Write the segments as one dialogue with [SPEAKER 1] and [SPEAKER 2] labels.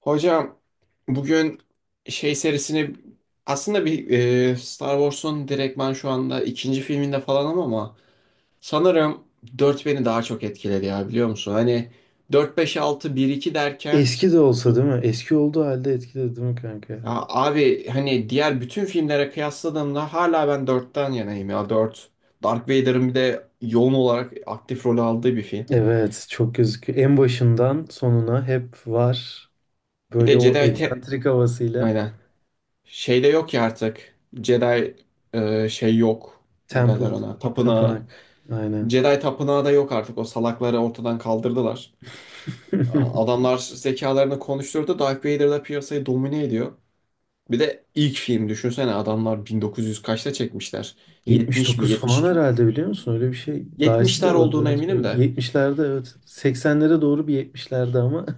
[SPEAKER 1] Hocam bugün şey serisini aslında bir Star Wars'un direktman şu anda ikinci filminde falanım ama sanırım 4 beni daha çok etkiledi ya biliyor musun? Hani dört beş altı bir iki derken
[SPEAKER 2] Eski de olsa değil mi? Eski olduğu halde etkiledi değil mi kanka?
[SPEAKER 1] ya abi hani diğer bütün filmlere kıyasladığımda hala ben dörtten yanayım ya 4 Darth Vader'ın bir de yoğun olarak aktif rol aldığı bir film.
[SPEAKER 2] Evet, çok gözüküyor. En başından sonuna hep var.
[SPEAKER 1] Bir
[SPEAKER 2] Böyle
[SPEAKER 1] de
[SPEAKER 2] o
[SPEAKER 1] Jedi
[SPEAKER 2] egzantrik havasıyla.
[SPEAKER 1] aynen şeyde yok ya artık Jedi şey yok ne derler
[SPEAKER 2] Temple,
[SPEAKER 1] ona tapınağı.
[SPEAKER 2] tapınak. Aynen.
[SPEAKER 1] Jedi Tapınağı da yok artık. O salakları ortadan kaldırdılar. Adamlar zekalarını konuşturdu. Darth Vader da piyasayı domine ediyor. Bir de ilk film düşünsene adamlar 1900 kaçta çekmişler? 70 mi
[SPEAKER 2] 79 falan
[SPEAKER 1] 72 mi?
[SPEAKER 2] herhalde biliyor musun? Öyle bir şey. Daha eski de
[SPEAKER 1] 70'ler
[SPEAKER 2] olabilir.
[SPEAKER 1] olduğuna
[SPEAKER 2] Evet.
[SPEAKER 1] eminim de.
[SPEAKER 2] 70'lerde evet. 80'lere doğru bir 70'lerde ama.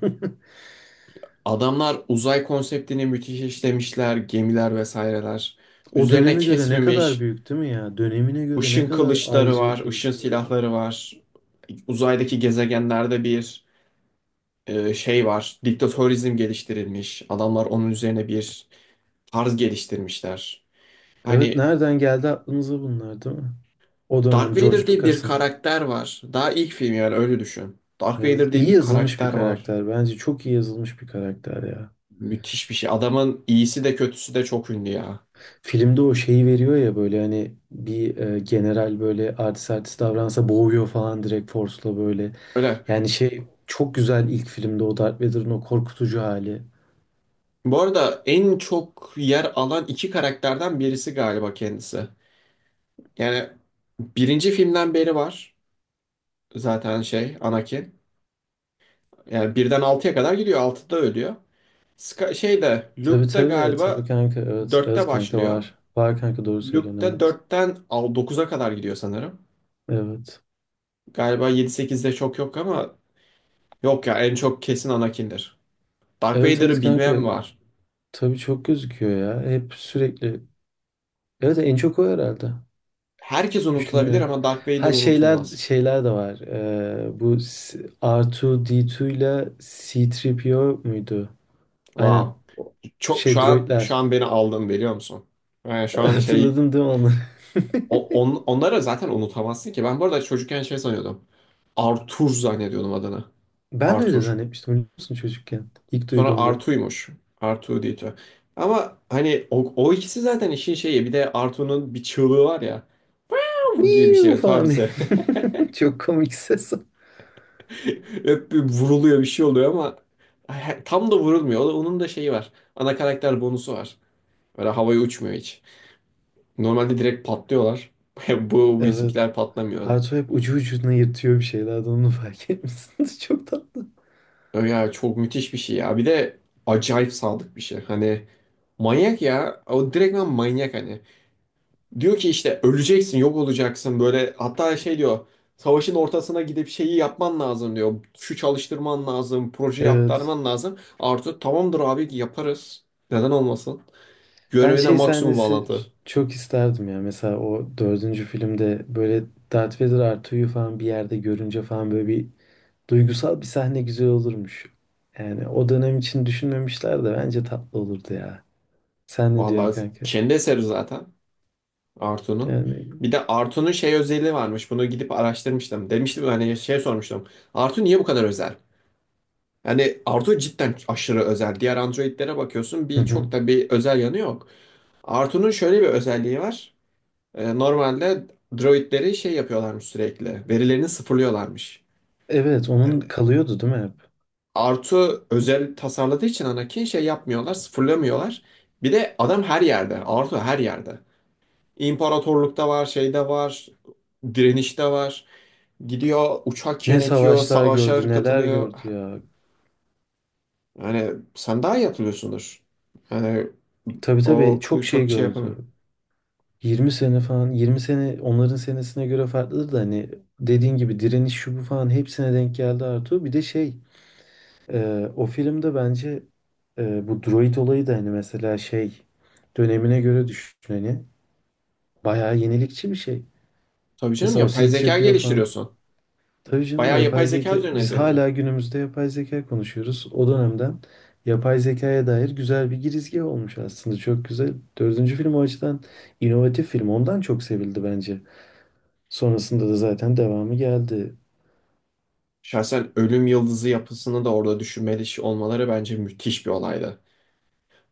[SPEAKER 1] Adamlar uzay konseptini müthiş işlemişler. Gemiler vesaireler.
[SPEAKER 2] O
[SPEAKER 1] Üzerine
[SPEAKER 2] döneme göre ne kadar
[SPEAKER 1] kesmemiş.
[SPEAKER 2] büyük değil mi ya? Dönemine göre ne
[SPEAKER 1] Işın
[SPEAKER 2] kadar
[SPEAKER 1] kılıçları var.
[SPEAKER 2] ayrıcalıklı bir
[SPEAKER 1] Işın
[SPEAKER 2] şey ya.
[SPEAKER 1] silahları var. Uzaydaki gezegenlerde bir şey var. Diktatörizm geliştirilmiş. Adamlar onun üzerine bir tarz geliştirmişler.
[SPEAKER 2] Evet,
[SPEAKER 1] Hani
[SPEAKER 2] nereden geldi aklınıza bunlar değil mi? O
[SPEAKER 1] Darth
[SPEAKER 2] dönem George
[SPEAKER 1] Vader diye bir
[SPEAKER 2] Lucas'ın.
[SPEAKER 1] karakter var. Daha ilk film yani öyle düşün. Darth
[SPEAKER 2] Evet,
[SPEAKER 1] Vader diye
[SPEAKER 2] iyi
[SPEAKER 1] bir
[SPEAKER 2] yazılmış bir
[SPEAKER 1] karakter var.
[SPEAKER 2] karakter. Bence çok iyi yazılmış bir karakter ya.
[SPEAKER 1] Müthiş bir şey. Adamın iyisi de kötüsü de çok ünlü ya.
[SPEAKER 2] Filmde o şeyi veriyor ya böyle hani bir general böyle artist artist davransa boğuyor falan direkt Force'la böyle.
[SPEAKER 1] Öyle.
[SPEAKER 2] Yani şey çok güzel ilk filmde o Darth Vader'ın o korkutucu hali.
[SPEAKER 1] Bu arada en çok yer alan iki karakterden birisi galiba kendisi. Yani birinci filmden beri var zaten şey Anakin. Yani birden altıya kadar gidiyor. Altıda ölüyor. Şey de
[SPEAKER 2] Tabii
[SPEAKER 1] Luke da
[SPEAKER 2] tabii tabii
[SPEAKER 1] galiba
[SPEAKER 2] kanka, evet
[SPEAKER 1] dörtte
[SPEAKER 2] evet kanka,
[SPEAKER 1] başlıyor.
[SPEAKER 2] var. Var kanka, doğru
[SPEAKER 1] Luke
[SPEAKER 2] söylüyorsun,
[SPEAKER 1] da
[SPEAKER 2] evet.
[SPEAKER 1] dörtten dokuza kadar gidiyor sanırım.
[SPEAKER 2] Evet.
[SPEAKER 1] Galiba 7-8'de çok yok ama yok ya en çok kesin Anakin'dir. Darth
[SPEAKER 2] Evet evet
[SPEAKER 1] Vader'ı bilmeyen
[SPEAKER 2] kanka,
[SPEAKER 1] mi var?
[SPEAKER 2] tabii çok gözüküyor ya. Hep sürekli. Evet, en çok o herhalde.
[SPEAKER 1] Herkes unutulabilir
[SPEAKER 2] Düşünüyorum.
[SPEAKER 1] ama Darth Vader
[SPEAKER 2] Ha şeyler,
[SPEAKER 1] unutulmaz.
[SPEAKER 2] de var. Bu R2D2 ile C3PO muydu? Aynen.
[SPEAKER 1] Wow.
[SPEAKER 2] O
[SPEAKER 1] Çok şu
[SPEAKER 2] şey
[SPEAKER 1] an şu
[SPEAKER 2] droidler.
[SPEAKER 1] an beni aldın biliyor musun? Yani şu an şey
[SPEAKER 2] Hatırladın değil mi onu?
[SPEAKER 1] onları zaten unutamazsın ki. Ben bu arada çocukken şey sanıyordum. Arthur zannediyordum adını.
[SPEAKER 2] Ben de öyle
[SPEAKER 1] Arthur.
[SPEAKER 2] zannetmiştim biliyor musun çocukken. İlk
[SPEAKER 1] Sonra
[SPEAKER 2] duyduğumda.
[SPEAKER 1] Artu'ymuş. Artu diye. Ama hani o ikisi zaten işin şeyi. Bir de Artu'nun bir çığlığı var ya. "Av" gibi bir
[SPEAKER 2] Miu
[SPEAKER 1] şey. Tabii.
[SPEAKER 2] falan diye. Çok komik ses.
[SPEAKER 1] Hep bir vuruluyor bir şey oluyor ama tam da vurulmuyor. Onun da şeyi var. Ana karakter bonusu var. Böyle havaya uçmuyor hiç. Normalde direkt patlıyorlar. Bu
[SPEAKER 2] Evet.
[SPEAKER 1] bizimkiler patlamıyor.
[SPEAKER 2] Arto hep ucu ucuna yırtıyor bir şeylerden, onu fark etmişsiniz. Çok tatlı.
[SPEAKER 1] Ya çok müthiş bir şey ya. Bir de acayip sadık bir şey. Hani manyak ya. O direktmen manyak hani. Diyor ki işte öleceksin, yok olacaksın böyle. Hatta şey diyor, savaşın ortasına gidip şeyi yapman lazım diyor. Şu çalıştırman lazım, projeyi
[SPEAKER 2] Evet.
[SPEAKER 1] aktarman lazım. Arthur tamamdır abi yaparız. Neden olmasın?
[SPEAKER 2] Ben
[SPEAKER 1] Görevine
[SPEAKER 2] şey
[SPEAKER 1] maksimum
[SPEAKER 2] sahnesi
[SPEAKER 1] bağlantı.
[SPEAKER 2] çok isterdim ya. Mesela o dördüncü filmde böyle Darth Vader Artu'yu falan bir yerde görünce falan böyle bir duygusal bir sahne güzel olurmuş. Yani o dönem için düşünmemişler de bence tatlı olurdu ya. Sen ne diyorsun
[SPEAKER 1] Vallahi
[SPEAKER 2] kanka?
[SPEAKER 1] kendi eseri zaten Artu'nun.
[SPEAKER 2] Yani
[SPEAKER 1] Bir de Artu'nun şey özelliği varmış. Bunu gidip araştırmıştım. Demiştim hani şey sormuştum. Artu niye bu kadar özel? Yani Artu cidden aşırı özel. Diğer Android'lere bakıyorsun
[SPEAKER 2] hı
[SPEAKER 1] bir
[SPEAKER 2] hı.
[SPEAKER 1] çok da bir özel yanı yok. Artu'nun şöyle bir özelliği var. Normalde droidleri şey yapıyorlarmış sürekli. Verilerini sıfırlıyorlarmış.
[SPEAKER 2] Evet,
[SPEAKER 1] Yani
[SPEAKER 2] onun kalıyordu değil mi hep?
[SPEAKER 1] Artu özel tasarladığı için Anakin şey yapmıyorlar, sıfırlamıyorlar. Bir de adam her yerde. Artu her yerde. İmparatorlukta var, şeyde var, direnişte var. Gidiyor, uçak
[SPEAKER 2] Ne
[SPEAKER 1] yönetiyor,
[SPEAKER 2] savaşlar gördü,
[SPEAKER 1] savaşa
[SPEAKER 2] neler
[SPEAKER 1] katılıyor.
[SPEAKER 2] gördü ya.
[SPEAKER 1] Yani sen daha iyi hatırlıyorsundur. Yani
[SPEAKER 2] Tabii tabii
[SPEAKER 1] o
[SPEAKER 2] çok şey
[SPEAKER 1] çok şey
[SPEAKER 2] gördü.
[SPEAKER 1] yapamıyorum.
[SPEAKER 2] 20 sene falan, 20 sene onların senesine göre farklıdır da hani dediğin gibi direniş şu bu falan hepsine denk geldi Artu. Bir de şey, o filmde bence bu droid olayı da hani mesela şey dönemine göre düşün hani bayağı yenilikçi bir şey.
[SPEAKER 1] Tabii canım
[SPEAKER 2] Mesela o
[SPEAKER 1] yapay zeka
[SPEAKER 2] C-3PO falan,
[SPEAKER 1] geliştiriyorsun.
[SPEAKER 2] tabii canım,
[SPEAKER 1] Bayağı yapay
[SPEAKER 2] yapay
[SPEAKER 1] zeka
[SPEAKER 2] zeka
[SPEAKER 1] üzerine
[SPEAKER 2] biz
[SPEAKER 1] deniyor.
[SPEAKER 2] hala günümüzde yapay zeka konuşuyoruz. O dönemden yapay zekaya dair güzel bir girizgi olmuş aslında, çok güzel. Dördüncü film o açıdan inovatif film, ondan çok sevildi bence. Sonrasında da zaten devamı geldi.
[SPEAKER 1] Şahsen ölüm yıldızı yapısını da orada düşünmeli olmaları bence müthiş bir olaydı.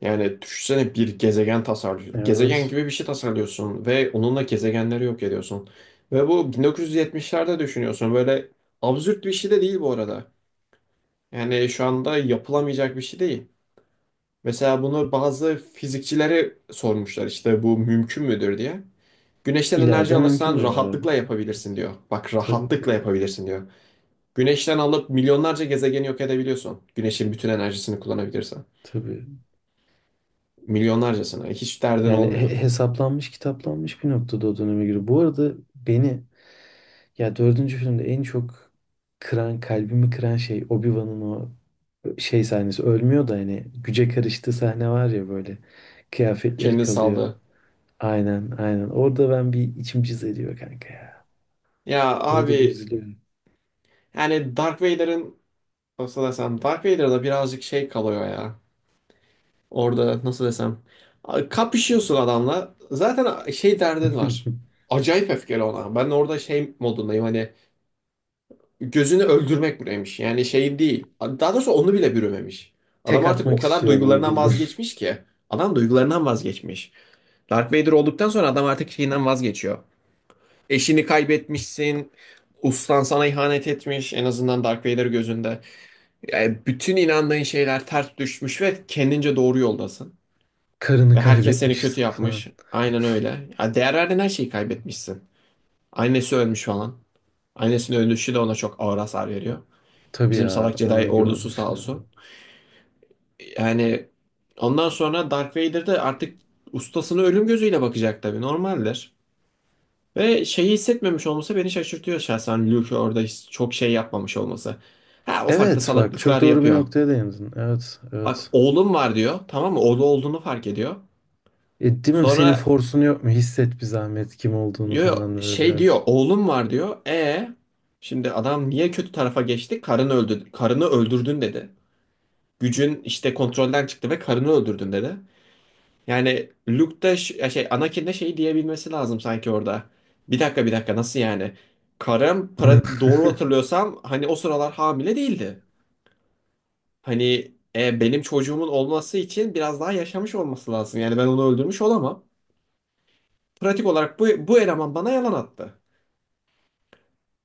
[SPEAKER 1] Yani düşünsene bir gezegen tasarlıyorsun. Gezegen
[SPEAKER 2] Evet.
[SPEAKER 1] gibi bir şey tasarlıyorsun ve onunla gezegenleri yok ediyorsun. Ve bu 1970'lerde düşünüyorsun. Böyle absürt bir şey de değil bu arada. Yani şu anda yapılamayacak bir şey değil. Mesela bunu bazı fizikçilere sormuşlar işte bu mümkün müdür diye. Güneşten enerji
[SPEAKER 2] İleride mümkün
[SPEAKER 1] alırsan
[SPEAKER 2] diyorlardı.
[SPEAKER 1] rahatlıkla yapabilirsin
[SPEAKER 2] Evet.
[SPEAKER 1] diyor. Bak
[SPEAKER 2] Tabii tabii.
[SPEAKER 1] rahatlıkla yapabilirsin diyor. Güneşten alıp milyonlarca gezegeni yok edebiliyorsun. Güneşin bütün enerjisini kullanabilirsen.
[SPEAKER 2] Tabii.
[SPEAKER 1] Milyonlarcasını. Hiç derdin
[SPEAKER 2] Yani
[SPEAKER 1] olmuyor.
[SPEAKER 2] hesaplanmış, kitaplanmış bir noktada o döneme göre. Bu arada beni ya dördüncü filmde en çok kıran, kalbimi kıran şey Obi-Wan'ın o şey sahnesi. Ölmüyor da hani güce karıştığı sahne var ya böyle. Kıyafetleri
[SPEAKER 1] Kendini
[SPEAKER 2] kalıyor.
[SPEAKER 1] saldı.
[SPEAKER 2] Aynen, aynen. Orada ben, bir içim cız ediyor kanka ya.
[SPEAKER 1] Ya
[SPEAKER 2] Orada bir
[SPEAKER 1] abi
[SPEAKER 2] üzülüyorum.
[SPEAKER 1] yani Dark Vader'ın nasıl desem Dark Vader'da birazcık şey kalıyor ya. Orada nasıl desem kapışıyorsun adamla. Zaten şey derdin var. Acayip öfkeli ona. Ben orada şey modundayım hani gözünü öldürmek buraymış. Yani şey değil. Daha doğrusu onu bile bürümemiş. Adam
[SPEAKER 2] Tek
[SPEAKER 1] artık o
[SPEAKER 2] atmak
[SPEAKER 1] kadar
[SPEAKER 2] istiyor
[SPEAKER 1] duygularından
[SPEAKER 2] böyle.
[SPEAKER 1] vazgeçmiş ki. Adam duygularından vazgeçmiş. Dark Vader olduktan sonra adam artık şeyinden vazgeçiyor. Eşini kaybetmişsin. Ustan sana ihanet etmiş en azından Dark Vader gözünde. Yani bütün inandığın şeyler ters düşmüş ve kendince doğru yoldasın.
[SPEAKER 2] Karını
[SPEAKER 1] Ve herkes seni kötü
[SPEAKER 2] kaybetmişsin falan.
[SPEAKER 1] yapmış. Aynen öyle. Ya değer verdiğin her şeyi kaybetmişsin. Annesi ölmüş falan. Annesinin ölüşü de ona çok ağır hasar veriyor.
[SPEAKER 2] Tabii
[SPEAKER 1] Bizim salak
[SPEAKER 2] ya,
[SPEAKER 1] Jedi
[SPEAKER 2] onu
[SPEAKER 1] ordusu
[SPEAKER 2] gördük
[SPEAKER 1] sağ
[SPEAKER 2] şey.
[SPEAKER 1] olsun. Yani ondan sonra Darth Vader de artık ustasına ölüm gözüyle bakacak tabii. Normaldir. Ve şeyi hissetmemiş olması beni şaşırtıyor şahsen. Luke orada çok şey yapmamış olması. Ha ufak da
[SPEAKER 2] Evet, bak çok
[SPEAKER 1] salaklıklar
[SPEAKER 2] doğru bir
[SPEAKER 1] yapıyor.
[SPEAKER 2] noktaya değindin. Evet
[SPEAKER 1] Bak
[SPEAKER 2] evet.
[SPEAKER 1] oğlum var diyor. Tamam mı? Oğlu olduğunu fark ediyor.
[SPEAKER 2] Değil mi senin
[SPEAKER 1] Sonra
[SPEAKER 2] forsun yok mu? Hisset bir zahmet kim olduğunu
[SPEAKER 1] yo, yo,
[SPEAKER 2] falan böyle
[SPEAKER 1] şey
[SPEAKER 2] biraz.
[SPEAKER 1] diyor oğlum var diyor. Şimdi adam niye kötü tarafa geçti? Karını öldü, karını öldürdün dedi. Gücün işte kontrolden çıktı ve karını öldürdün dedi. Yani Luke da ya şey Anakin de şey diyebilmesi lazım sanki orada. Bir dakika bir dakika nasıl yani? Karım
[SPEAKER 2] Ne?
[SPEAKER 1] para doğru hatırlıyorsam hani o sıralar hamile değildi. Hani benim çocuğumun olması için biraz daha yaşamış olması lazım. Yani ben onu öldürmüş olamam. Pratik olarak bu eleman bana yalan attı.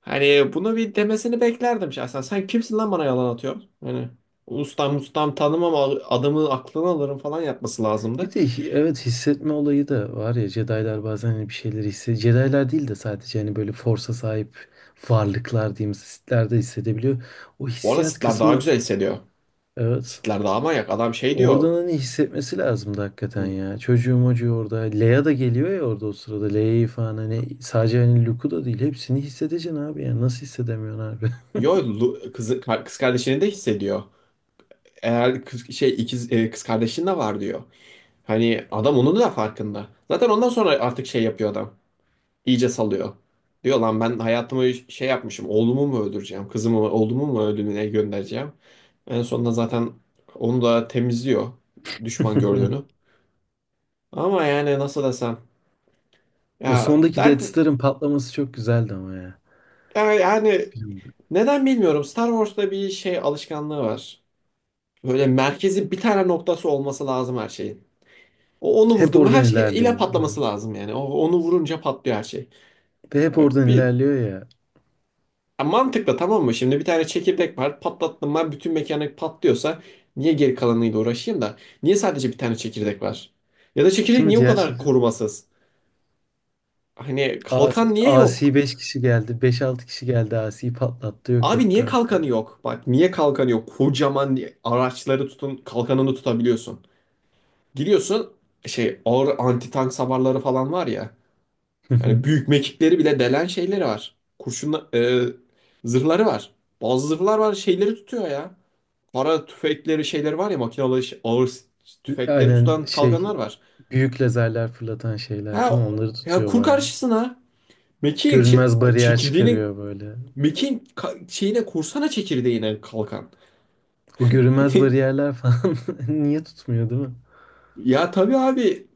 [SPEAKER 1] Hani bunu bir demesini beklerdim şahsen. Sen kimsin lan bana yalan atıyorsun? Hani ustam ustam tanımam adamı aklını alırım falan yapması lazımdı.
[SPEAKER 2] Bir de evet, hissetme olayı da var ya, Jedi'lar bazen hani bir şeyleri hissediyor. Jedi'lar değil de sadece hani böyle Force'a sahip varlıklar diyeyim, Sith'ler de hissedebiliyor. O
[SPEAKER 1] Bu arada
[SPEAKER 2] hissiyat
[SPEAKER 1] sitler daha
[SPEAKER 2] kısmı,
[SPEAKER 1] güzel hissediyor.
[SPEAKER 2] evet.
[SPEAKER 1] Sitler daha manyak. Adam şey diyor.
[SPEAKER 2] Oradan hani hissetmesi lazımdı hakikaten
[SPEAKER 1] "Hı,
[SPEAKER 2] ya. Çocuğum acıyor orada. Leia da geliyor ya orada o sırada. Leia'yı falan hani, sadece hani Luke'u da değil. Hepsini hissedeceksin abi ya. Nasıl hissedemiyorsun abi?
[SPEAKER 1] Yo kızı, kız kardeşini de hissediyor. Eğer kız, şey ikiz, kız kardeşin de var diyor. Hani adam onun da farkında. Zaten ondan sonra artık şey yapıyor adam. İyice salıyor. Diyor lan ben hayatımı şey yapmışım. Oğlumu mu öldüreceğim? Kızımı, oğlumu mu ölümüne göndereceğim? En sonunda zaten onu da temizliyor düşman gördüğünü. Ama yani nasıl desem
[SPEAKER 2] O
[SPEAKER 1] ya
[SPEAKER 2] sondaki
[SPEAKER 1] Dark
[SPEAKER 2] Death Star'ın patlaması çok güzeldi ama ya.
[SPEAKER 1] yani
[SPEAKER 2] Bilmiyorum.
[SPEAKER 1] neden bilmiyorum Star Wars'ta bir şey alışkanlığı var. Böyle merkezi bir tane noktası olması lazım her şeyin. O onu
[SPEAKER 2] Hep
[SPEAKER 1] vurdu mu her
[SPEAKER 2] oradan
[SPEAKER 1] şey ile
[SPEAKER 2] ilerliyor.
[SPEAKER 1] patlaması
[SPEAKER 2] Evet.
[SPEAKER 1] lazım yani. O onu vurunca patlıyor her şey.
[SPEAKER 2] Ve hep oradan
[SPEAKER 1] Bir
[SPEAKER 2] ilerliyor ya.
[SPEAKER 1] Ya mantıklı tamam mı? Şimdi bir tane çekirdek var. Patlattım ben bütün mekanik patlıyorsa niye geri kalanıyla uğraşayım da? Niye sadece bir tane çekirdek var? Ya da çekirdek
[SPEAKER 2] Değil mi?
[SPEAKER 1] niye o
[SPEAKER 2] Diğer
[SPEAKER 1] kadar
[SPEAKER 2] şekilde.
[SPEAKER 1] korumasız? Hani kalkan
[SPEAKER 2] Asi,
[SPEAKER 1] niye
[SPEAKER 2] Asi
[SPEAKER 1] yok?
[SPEAKER 2] 5 kişi geldi. 5-6 kişi geldi. Asi'yi patlattı. Yok
[SPEAKER 1] Abi
[SPEAKER 2] etti
[SPEAKER 1] niye kalkanı
[SPEAKER 2] aslında.
[SPEAKER 1] yok? Bak niye kalkanı yok? Kocaman araçları tutun kalkanını tutabiliyorsun. Giriyorsun şey ağır anti tank savarları falan var ya. Yani büyük mekikleri bile delen şeyleri var. Kurşunla, zırhları var. Bazı zırhlar var şeyleri tutuyor ya. Para tüfekleri şeyleri var ya makinalı ağır tüfekleri
[SPEAKER 2] Aynen
[SPEAKER 1] tutan
[SPEAKER 2] şey.
[SPEAKER 1] kalkanlar var.
[SPEAKER 2] Büyük lazerler fırlatan şeyler
[SPEAKER 1] Ha
[SPEAKER 2] değil mi? Onları
[SPEAKER 1] ya
[SPEAKER 2] tutuyor
[SPEAKER 1] kur
[SPEAKER 2] bayağı.
[SPEAKER 1] karşısına mekiğin
[SPEAKER 2] Görünmez bariyer
[SPEAKER 1] çekirdeğini
[SPEAKER 2] çıkarıyor böyle.
[SPEAKER 1] mekiğin şeyine kursana çekirdeğine kalkan.
[SPEAKER 2] O görünmez bariyerler falan niye tutmuyor değil mi?
[SPEAKER 1] Ya tabii abi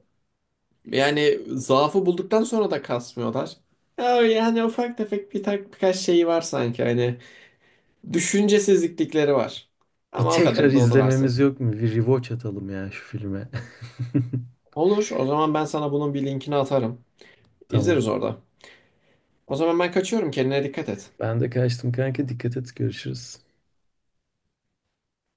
[SPEAKER 1] yani zaafı bulduktan sonra da kasmıyorlar. Ya yani ufak tefek bir birkaç şeyi var sanki hani düşüncesizlikleri var.
[SPEAKER 2] Bir
[SPEAKER 1] Ama o
[SPEAKER 2] tekrar
[SPEAKER 1] kadar da o.
[SPEAKER 2] izlememiz yok mu? Bir rewatch atalım ya şu filme.
[SPEAKER 1] Olur o zaman ben sana bunun bir linkini atarım.
[SPEAKER 2] Tamam.
[SPEAKER 1] İzleriz orada. O zaman ben kaçıyorum kendine dikkat et.
[SPEAKER 2] Ben de kaçtım kanka. Dikkat et. Görüşürüz.